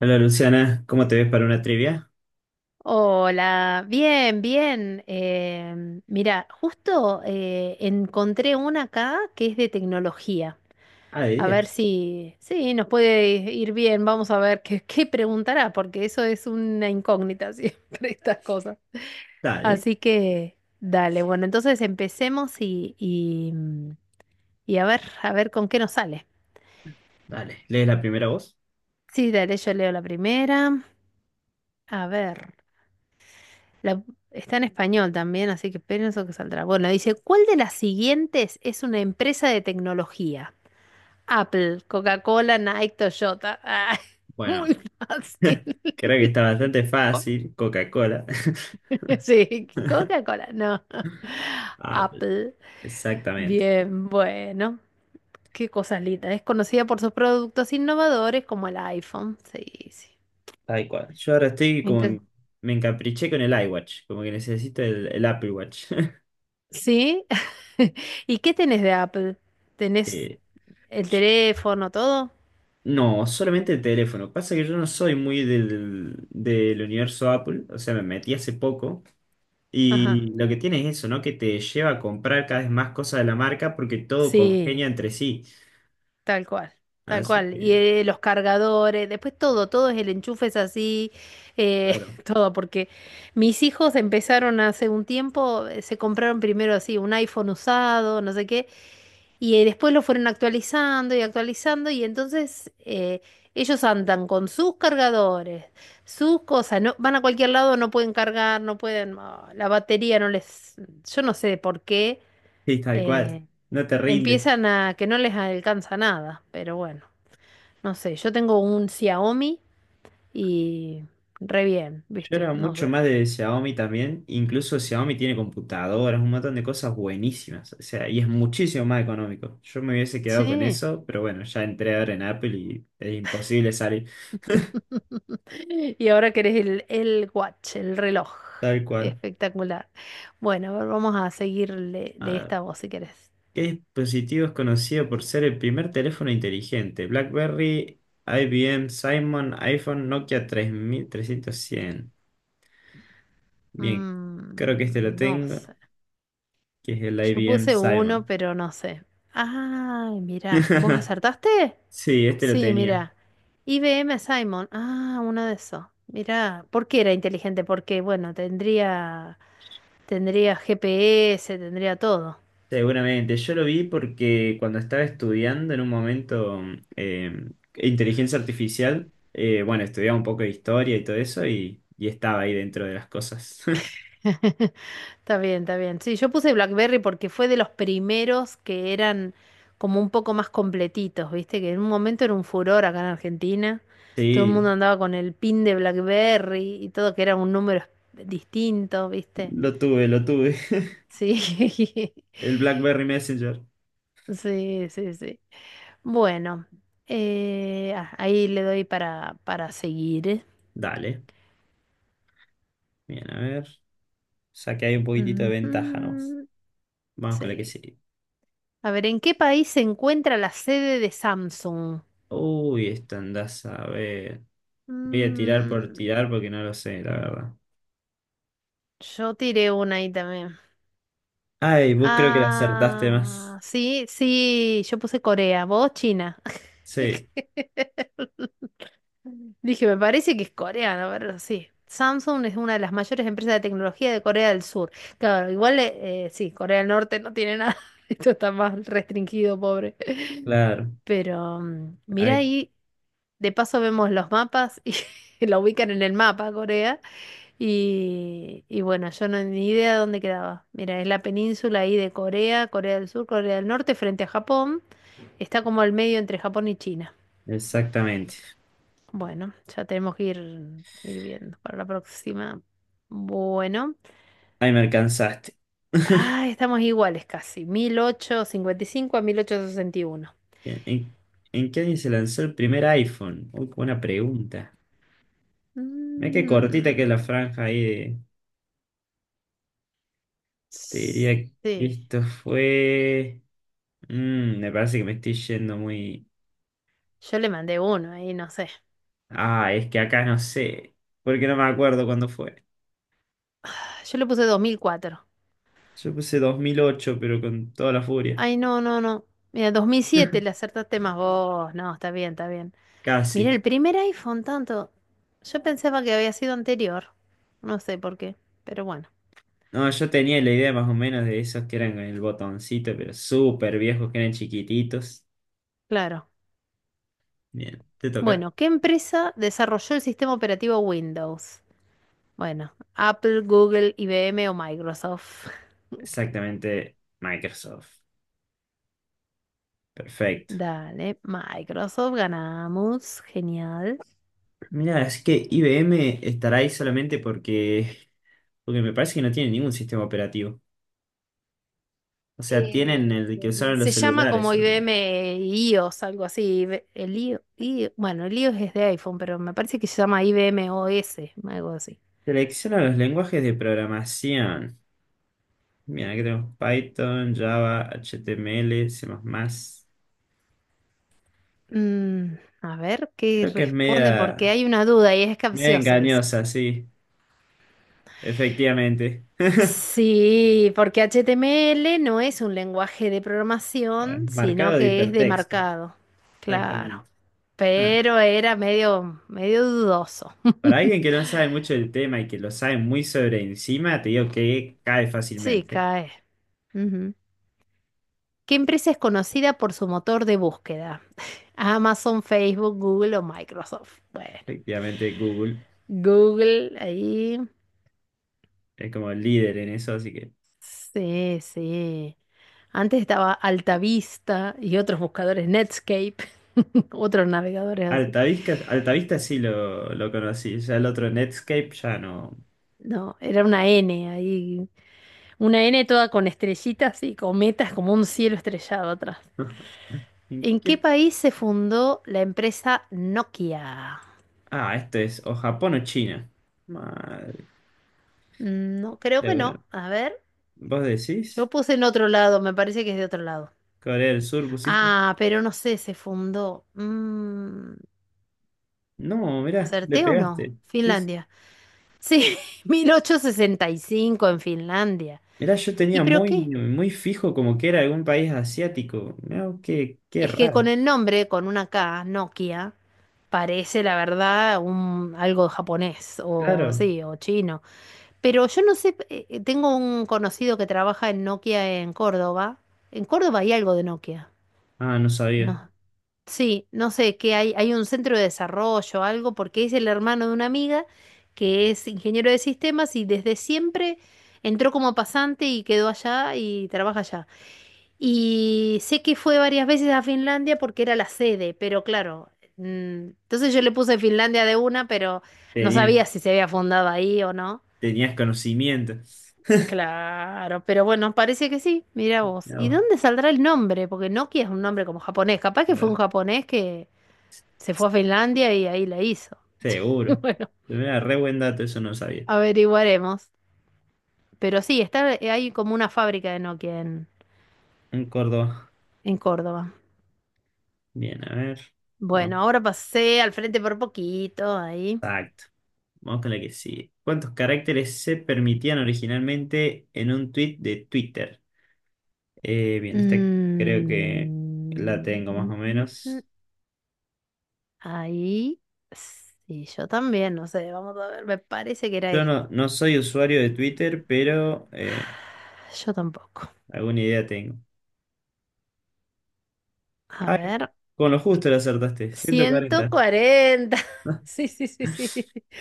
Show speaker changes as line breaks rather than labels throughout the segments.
Hola Luciana, ¿cómo te ves para una trivia?
Hola, bien, bien. Mira, justo encontré una acá que es de tecnología.
Ah, de
A ver
10.
si, sí, nos puede ir bien. Vamos a ver qué preguntará, porque eso es una incógnita siempre, estas cosas.
Dale,
Así que, dale, bueno, entonces empecemos y a ver con qué nos sale.
dale. ¿Lees la primera voz?
Sí, dale, yo leo la primera. A ver. La- Está en español también, así que pienso que saldrá. Bueno, dice, ¿cuál de las siguientes es una empresa de tecnología? Apple, Coca-Cola, Nike, Toyota. Ah,
Bueno,
muy fácil.
creo que está bastante fácil. Coca-Cola.
Sí, Coca-Cola, no.
Apple.
Apple,
Exactamente.
bien, bueno, qué cosas lindas. Es conocida por sus productos innovadores como el iPhone. Sí, sí.
Tal cual. Yo ahora estoy como
Inte-
me encapriché con el iWatch, como que necesito el Apple Watch.
¿Sí? ¿Y qué tenés de Apple? ¿Tenés
Eh,
el teléfono, todo?
No, solamente el teléfono. Pasa que yo no soy muy del universo Apple, o sea, me metí hace poco.
Ajá.
Y lo que tiene es eso, ¿no? Que te lleva a comprar cada vez más cosas de la marca porque todo congenia
Sí.
entre sí.
Tal cual, tal
Así
cual. Y
que,
los cargadores, después todo es el enchufe es así, eh,
claro,
todo, porque mis hijos empezaron hace un tiempo, se compraron primero así un iPhone usado, no sé qué, y después lo fueron actualizando y actualizando, y entonces ellos andan con sus cargadores, sus cosas, no, van a cualquier lado, no pueden cargar, no pueden, la batería no les, yo no sé por qué,
sí, tal cual.
eh,
No te rinde.
empiezan a que no les alcanza nada, pero bueno. No sé, yo tengo un Xiaomi y re bien,
Yo
¿viste?
era
No
mucho
sé.
más de Xiaomi también. Incluso Xiaomi tiene computadoras, un montón de cosas buenísimas. O sea, y es muchísimo más económico. Yo me hubiese quedado con
Sí.
eso, pero bueno, ya entré ahora en Apple y es imposible salir.
Y ahora querés el watch, el reloj.
Tal cual.
Espectacular. Bueno, a ver, vamos a seguirle le
Ah,
esta voz si querés.
¿qué dispositivo es conocido por ser el primer teléfono inteligente? BlackBerry, IBM, Simon, iPhone, Nokia 3300. Bien, creo que este lo
Mm, no
tengo,
sé.
que es el
Yo
IBM
puse uno,
Simon.
pero no sé. Ay, mirá. ¿Vos acertaste?
Sí, este lo
Sí,
tenía.
mirá. IBM Simon. Ah, uno de esos. Mirá. ¿Por qué era inteligente? Porque, bueno, tendría GPS, tendría todo.
Seguramente. Yo lo vi porque cuando estaba estudiando en un momento eh, inteligencia artificial, bueno, estudiaba un poco de historia y todo eso y estaba ahí dentro de las cosas.
Está bien, está bien. Sí, yo puse BlackBerry porque fue de los primeros que eran como un poco más completitos, ¿viste? Que en un momento era un furor acá en Argentina. Todo el mundo
Sí,
andaba con el pin de BlackBerry y todo, que era un número distinto, ¿viste?
lo tuve, lo tuve.
Sí, sí,
El BlackBerry Messenger.
sí, sí. Bueno, ahí le doy para seguir.
Dale. Bien, a ver. Saqué ahí un poquitito de ventaja, ¿no?
Ujú,
Vamos con la que
sí.
sigue.
A ver, ¿en qué país se encuentra la sede de Samsung?
Uy, esta andás a ver. Voy a tirar por
Mm,
tirar porque no lo sé, la verdad.
yo tiré una ahí también.
Ay, vos creo que la acertaste más.
Ah, sí, sí, yo puse Corea, vos China.
Sí,
Dije, me parece que es coreano, pero sí. Samsung es una de las mayores empresas de tecnología de Corea del Sur. Claro, igual, sí, Corea del Norte no tiene nada. Esto está más restringido, pobre.
claro.
Pero mira
Ahí,
ahí, de paso vemos los mapas y la ubican en el mapa, Corea. Y bueno, yo no ni idea de dónde quedaba. Mira, es la península ahí de Corea, Corea del Sur, Corea del Norte, frente a Japón. Está como al medio entre Japón y China.
exactamente.
Bueno, ya tenemos que ir viendo para la próxima. Bueno.
Ahí me alcanzaste.
Ah, estamos iguales casi. 1855 a 1861.
Bien, ¿en qué año se lanzó el primer iPhone? Uy, qué buena pregunta. Mira qué cortita que es la
Mm,
franja ahí de- Te diría que
sí,
esto fue. Mm, me parece que me estoy yendo muy.
yo le mandé uno ahí, no sé.
Ah, es que acá no sé, porque no me acuerdo cuándo fue.
Yo le puse 2004.
Yo puse 2008, pero con toda la furia.
Ay, no, no, no. Mira, 2007 le acertaste más vos. No, está bien, está bien. Mira,
Casi.
el primer iPhone tanto. Yo pensaba que había sido anterior. No sé por qué, pero bueno,
No, yo tenía la idea más o menos de esos que eran con el botoncito, pero súper viejos, que eran chiquititos.
claro.
Bien, ¿te toca?
Bueno, ¿qué empresa desarrolló el sistema operativo Windows? Bueno, Apple, Google, IBM o Microsoft.
Exactamente, Microsoft. Perfecto.
Dale, Microsoft, ganamos. Genial.
Mira, es que IBM estará ahí solamente porque, porque me parece que no tiene ningún sistema operativo. O sea, tienen
Eh,
el que usaron los
Se llama
celulares
como
solamente.
IBM iOS, algo así. El IO bueno, el iOS es de iPhone, pero me parece que se llama IBM OS, algo así.
Selecciona los lenguajes de programación. Mira, que tenemos Python, Java, HTML, C++.
Mm, a ver qué
Creo que es
responde, porque
media,
hay una duda y es
media
capcioso eso.
engañosa, sí, efectivamente.
Sí, porque HTML no es un lenguaje de programación, sino
Marcado de
que es de
hipertexto,
marcado. Claro.
exactamente. Ah,
Pero era medio, medio dudoso.
para alguien que no sabe mucho del tema y que lo sabe muy sobre encima, te digo que cae
Sí,
fácilmente.
cae. Ujú. ¿Qué empresa es conocida por su motor de búsqueda? Amazon, Facebook, Google o Microsoft. Bueno,
Efectivamente, Google
Google ahí.
es como el líder en eso, así que
Sí, sí. Antes estaba Altavista y otros buscadores, Netscape, otros navegadores así.
Altavista, Altavista sí lo conocí, ya el otro Netscape ya no.
No, era una N ahí. Una N toda con estrellitas y cometas como un cielo estrellado atrás.
¿En
¿En qué
qué?
país se fundó la empresa Nokia?
Ah, esto es o Japón o China. Madre.
Mm, no, creo
De
que
ver-
no. A ver.
¿Vos decís?
Yo puse en otro lado, me parece que es de otro lado.
Corea del Sur pusiste.
Ah, pero no sé, se fundó.
No, mirá, le
¿Acerté o no?
pegaste. Sí, sí.
Finlandia. Sí, 1865 en Finlandia.
Mirá, yo
¿Y
tenía
pero
muy,
qué?
muy fijo como que era algún país asiático. Mirá, qué
Es que con
raro.
el nombre, con una K, Nokia, parece la verdad algo japonés o
Claro.
sí, o chino. Pero yo no sé, tengo un conocido que trabaja en Nokia en Córdoba. En Córdoba hay algo de Nokia.
Ah, no sabía.
No, sí, no sé, que hay un centro de desarrollo, algo, porque es el hermano de una amiga que es ingeniero de sistemas y desde siempre entró como pasante y quedó allá y trabaja allá. Y sé que fue varias veces a Finlandia porque era la sede, pero claro, entonces yo le puse Finlandia de una, pero no
Tenía,
sabía si se había fundado ahí o no.
tenías conocimiento.
Claro, pero bueno, parece que sí, mira vos.
Mirá
¿Y dónde
vos.
saldrá el nombre? Porque Nokia es un nombre como japonés, capaz que fue un
Mirá,
japonés que se fue a Finlandia y ahí la hizo.
seguro.
Bueno,
Mirá, re buen dato, eso no sabía.
averiguaremos. Pero sí, está, hay como una fábrica de Nokia en,
En Córdoba.
en Córdoba.
Bien, a ver.
Bueno,
Vamos.
ahora pasé al frente por poquito, ahí.
Exacto. Vamos con la que sigue. ¿Cuántos caracteres se permitían originalmente en un tweet de Twitter? Bien, esta creo que la
Mm,
tengo más
mm,
o
mm, mm.
menos.
Ahí. Sí, yo también, no sé, vamos a ver, me parece que era
Yo
esto.
no, no soy usuario de Twitter, pero
Yo tampoco.
alguna idea tengo.
A
Ay,
ver,
con lo justo la acertaste, ciento
ciento
cuarenta
cuarenta Sí, sí, sí, sí.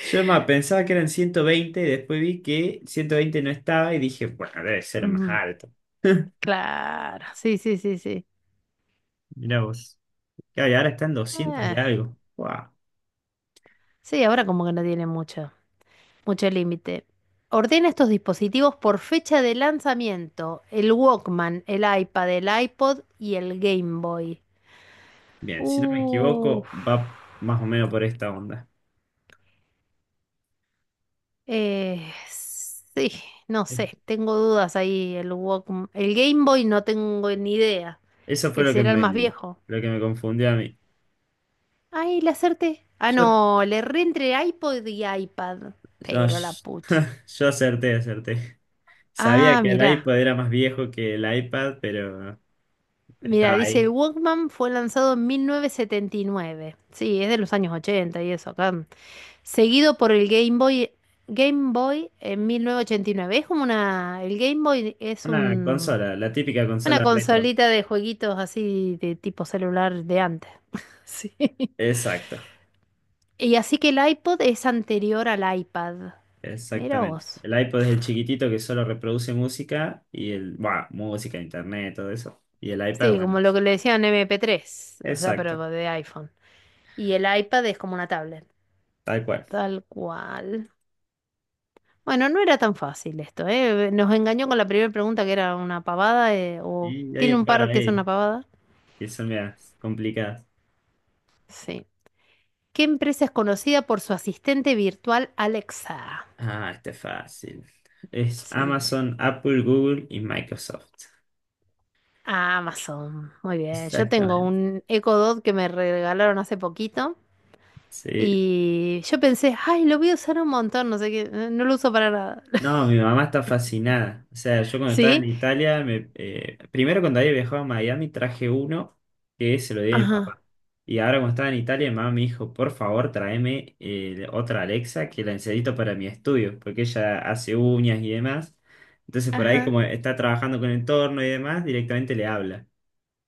Yo más pensaba que eran 120 y después vi que 120 no estaba y dije, bueno, debe ser más
Mm,
alto.
claro, sí, sí, sí, sí.
Mirá vos. Claro, y ahora están 200 y
Eh,
algo. Guau.
Sí, ahora como que no tiene mucho límite. Ordena estos dispositivos por fecha de lanzamiento. El Walkman, el iPad, el iPod y el Game Boy.
Bien, si no me equivoco,
Uf.
va más o menos por esta onda.
Sí, no sé, tengo dudas ahí. El Walkman, el Game Boy no tengo ni idea.
Eso fue
Ese era el más viejo.
lo que me confundió a mí.
Ay, le acerté. Ah,
Yo
no, le erré entre iPod y iPad.
No,
Pero la
sh-
pucha.
yo acerté, acerté. Sabía
Ah,
que el
mirá.
iPod era más viejo que el iPad, pero
Mira,
estaba
dice el
ahí.
Walkman fue lanzado en 1979. Sí, es de los años 80 y eso, acá. Seguido por el Game Boy en 1989. Es como el Game Boy es
Una consola, la típica
una
consola retro.
consolita de jueguitos así de tipo celular de antes. Sí.
Exacto,
Y así que el iPod es anterior al iPad. Mira
exactamente.
vos.
El iPod es el chiquitito que solo reproduce música y el, bueno, música, internet, todo eso. Y el iPad,
Sí,
bueno,
como lo
es-
que le decían MP3, o sea, pero
exacto,
de iPhone. Y el iPad es como una tablet,
tal cual.
tal cual. Bueno, no era tan fácil esto, ¿eh? Nos engañó con la primera pregunta que era una pavada, o
Y hay
¿tiene
un
un
par
par que es
ahí
una pavada?
que son medias complicadas.
Sí. ¿Qué empresa es conocida por su asistente virtual Alexa?
Ah, este es fácil. Es
Sí,
Amazon, Apple, Google y Microsoft.
Amazon. Muy bien. Yo tengo
Exactamente.
un Echo Dot que me regalaron hace poquito
Sí,
y yo pensé, ay, lo voy a usar un montón, no sé qué, no lo uso para nada.
no, mi mamá está fascinada. O sea, yo cuando estaba en
¿Sí?
Italia, primero cuando había viajado a Miami traje uno que se lo di a mi
Ajá.
papá. Y ahora cuando estaba en Italia, mi mamá me dijo, por favor, tráeme otra Alexa que la necesito para mi estudio, porque ella hace uñas y demás. Entonces por ahí
Ajá.
como está trabajando con el entorno y demás, directamente le habla.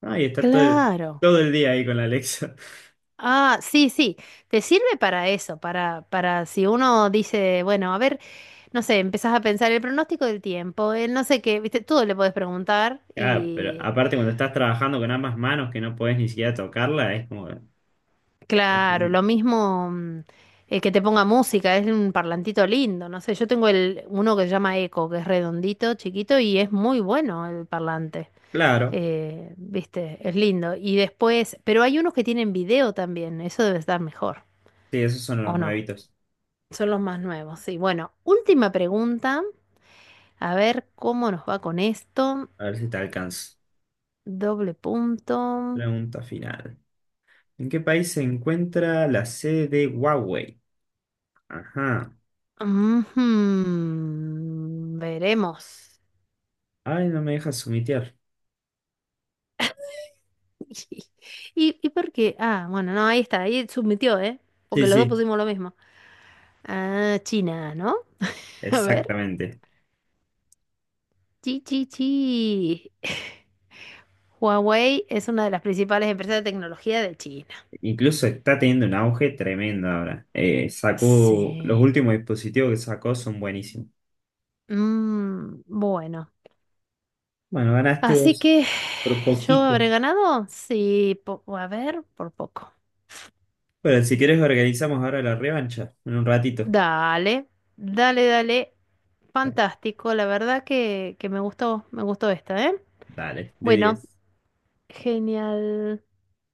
Ah, y está todo el,
Claro.
todo el día ahí con la Alexa.
Ah, sí, sí, te sirve para eso, para si uno dice, bueno, a ver, no sé, empezás a pensar el pronóstico del tiempo, el no sé qué, viste, todo le podés preguntar
Claro, pero
y
aparte cuando estás trabajando con ambas manos que no podés ni siquiera tocarla, es como
claro,
fascinante.
lo mismo que te ponga música, es un parlantito lindo, no sé, yo tengo uno que se llama Eco, que es redondito, chiquito y es muy bueno el parlante,
Claro.
viste, es lindo. Y después, pero hay unos que tienen video también, eso debe estar mejor,
Sí, esos son los
¿o no?
nuevitos.
Son los más nuevos, sí. Bueno, última pregunta. A ver cómo nos va con esto.
A ver si te alcanzo.
Doble punto.
Pregunta final. ¿En qué país se encuentra la sede de Huawei? Ajá.
Ujú, veremos.
Ay, no me dejas sumitear.
¿Y por qué? Ah, bueno, no, ahí está. Ahí submitió, ¿eh?
Sí,
Porque los dos
sí,
pusimos lo mismo. Ah, China, ¿no? A ver.
exactamente.
Chi, chi, chi. Huawei es una de las principales empresas de tecnología de China.
Incluso está teniendo un auge tremendo ahora. Sacó, los
Sí.
últimos dispositivos que sacó son buenísimos.
Mm, bueno.
Bueno, ganaste
Así
vos
que
por
yo habré
poquito.
ganado. Sí, a ver, por poco.
Bueno, si quieres organizamos ahora la revancha en un ratito.
Dale, dale, dale. Fantástico, la verdad que me gustó esta, ¿eh?
Dale, de
Bueno,
10.
genial.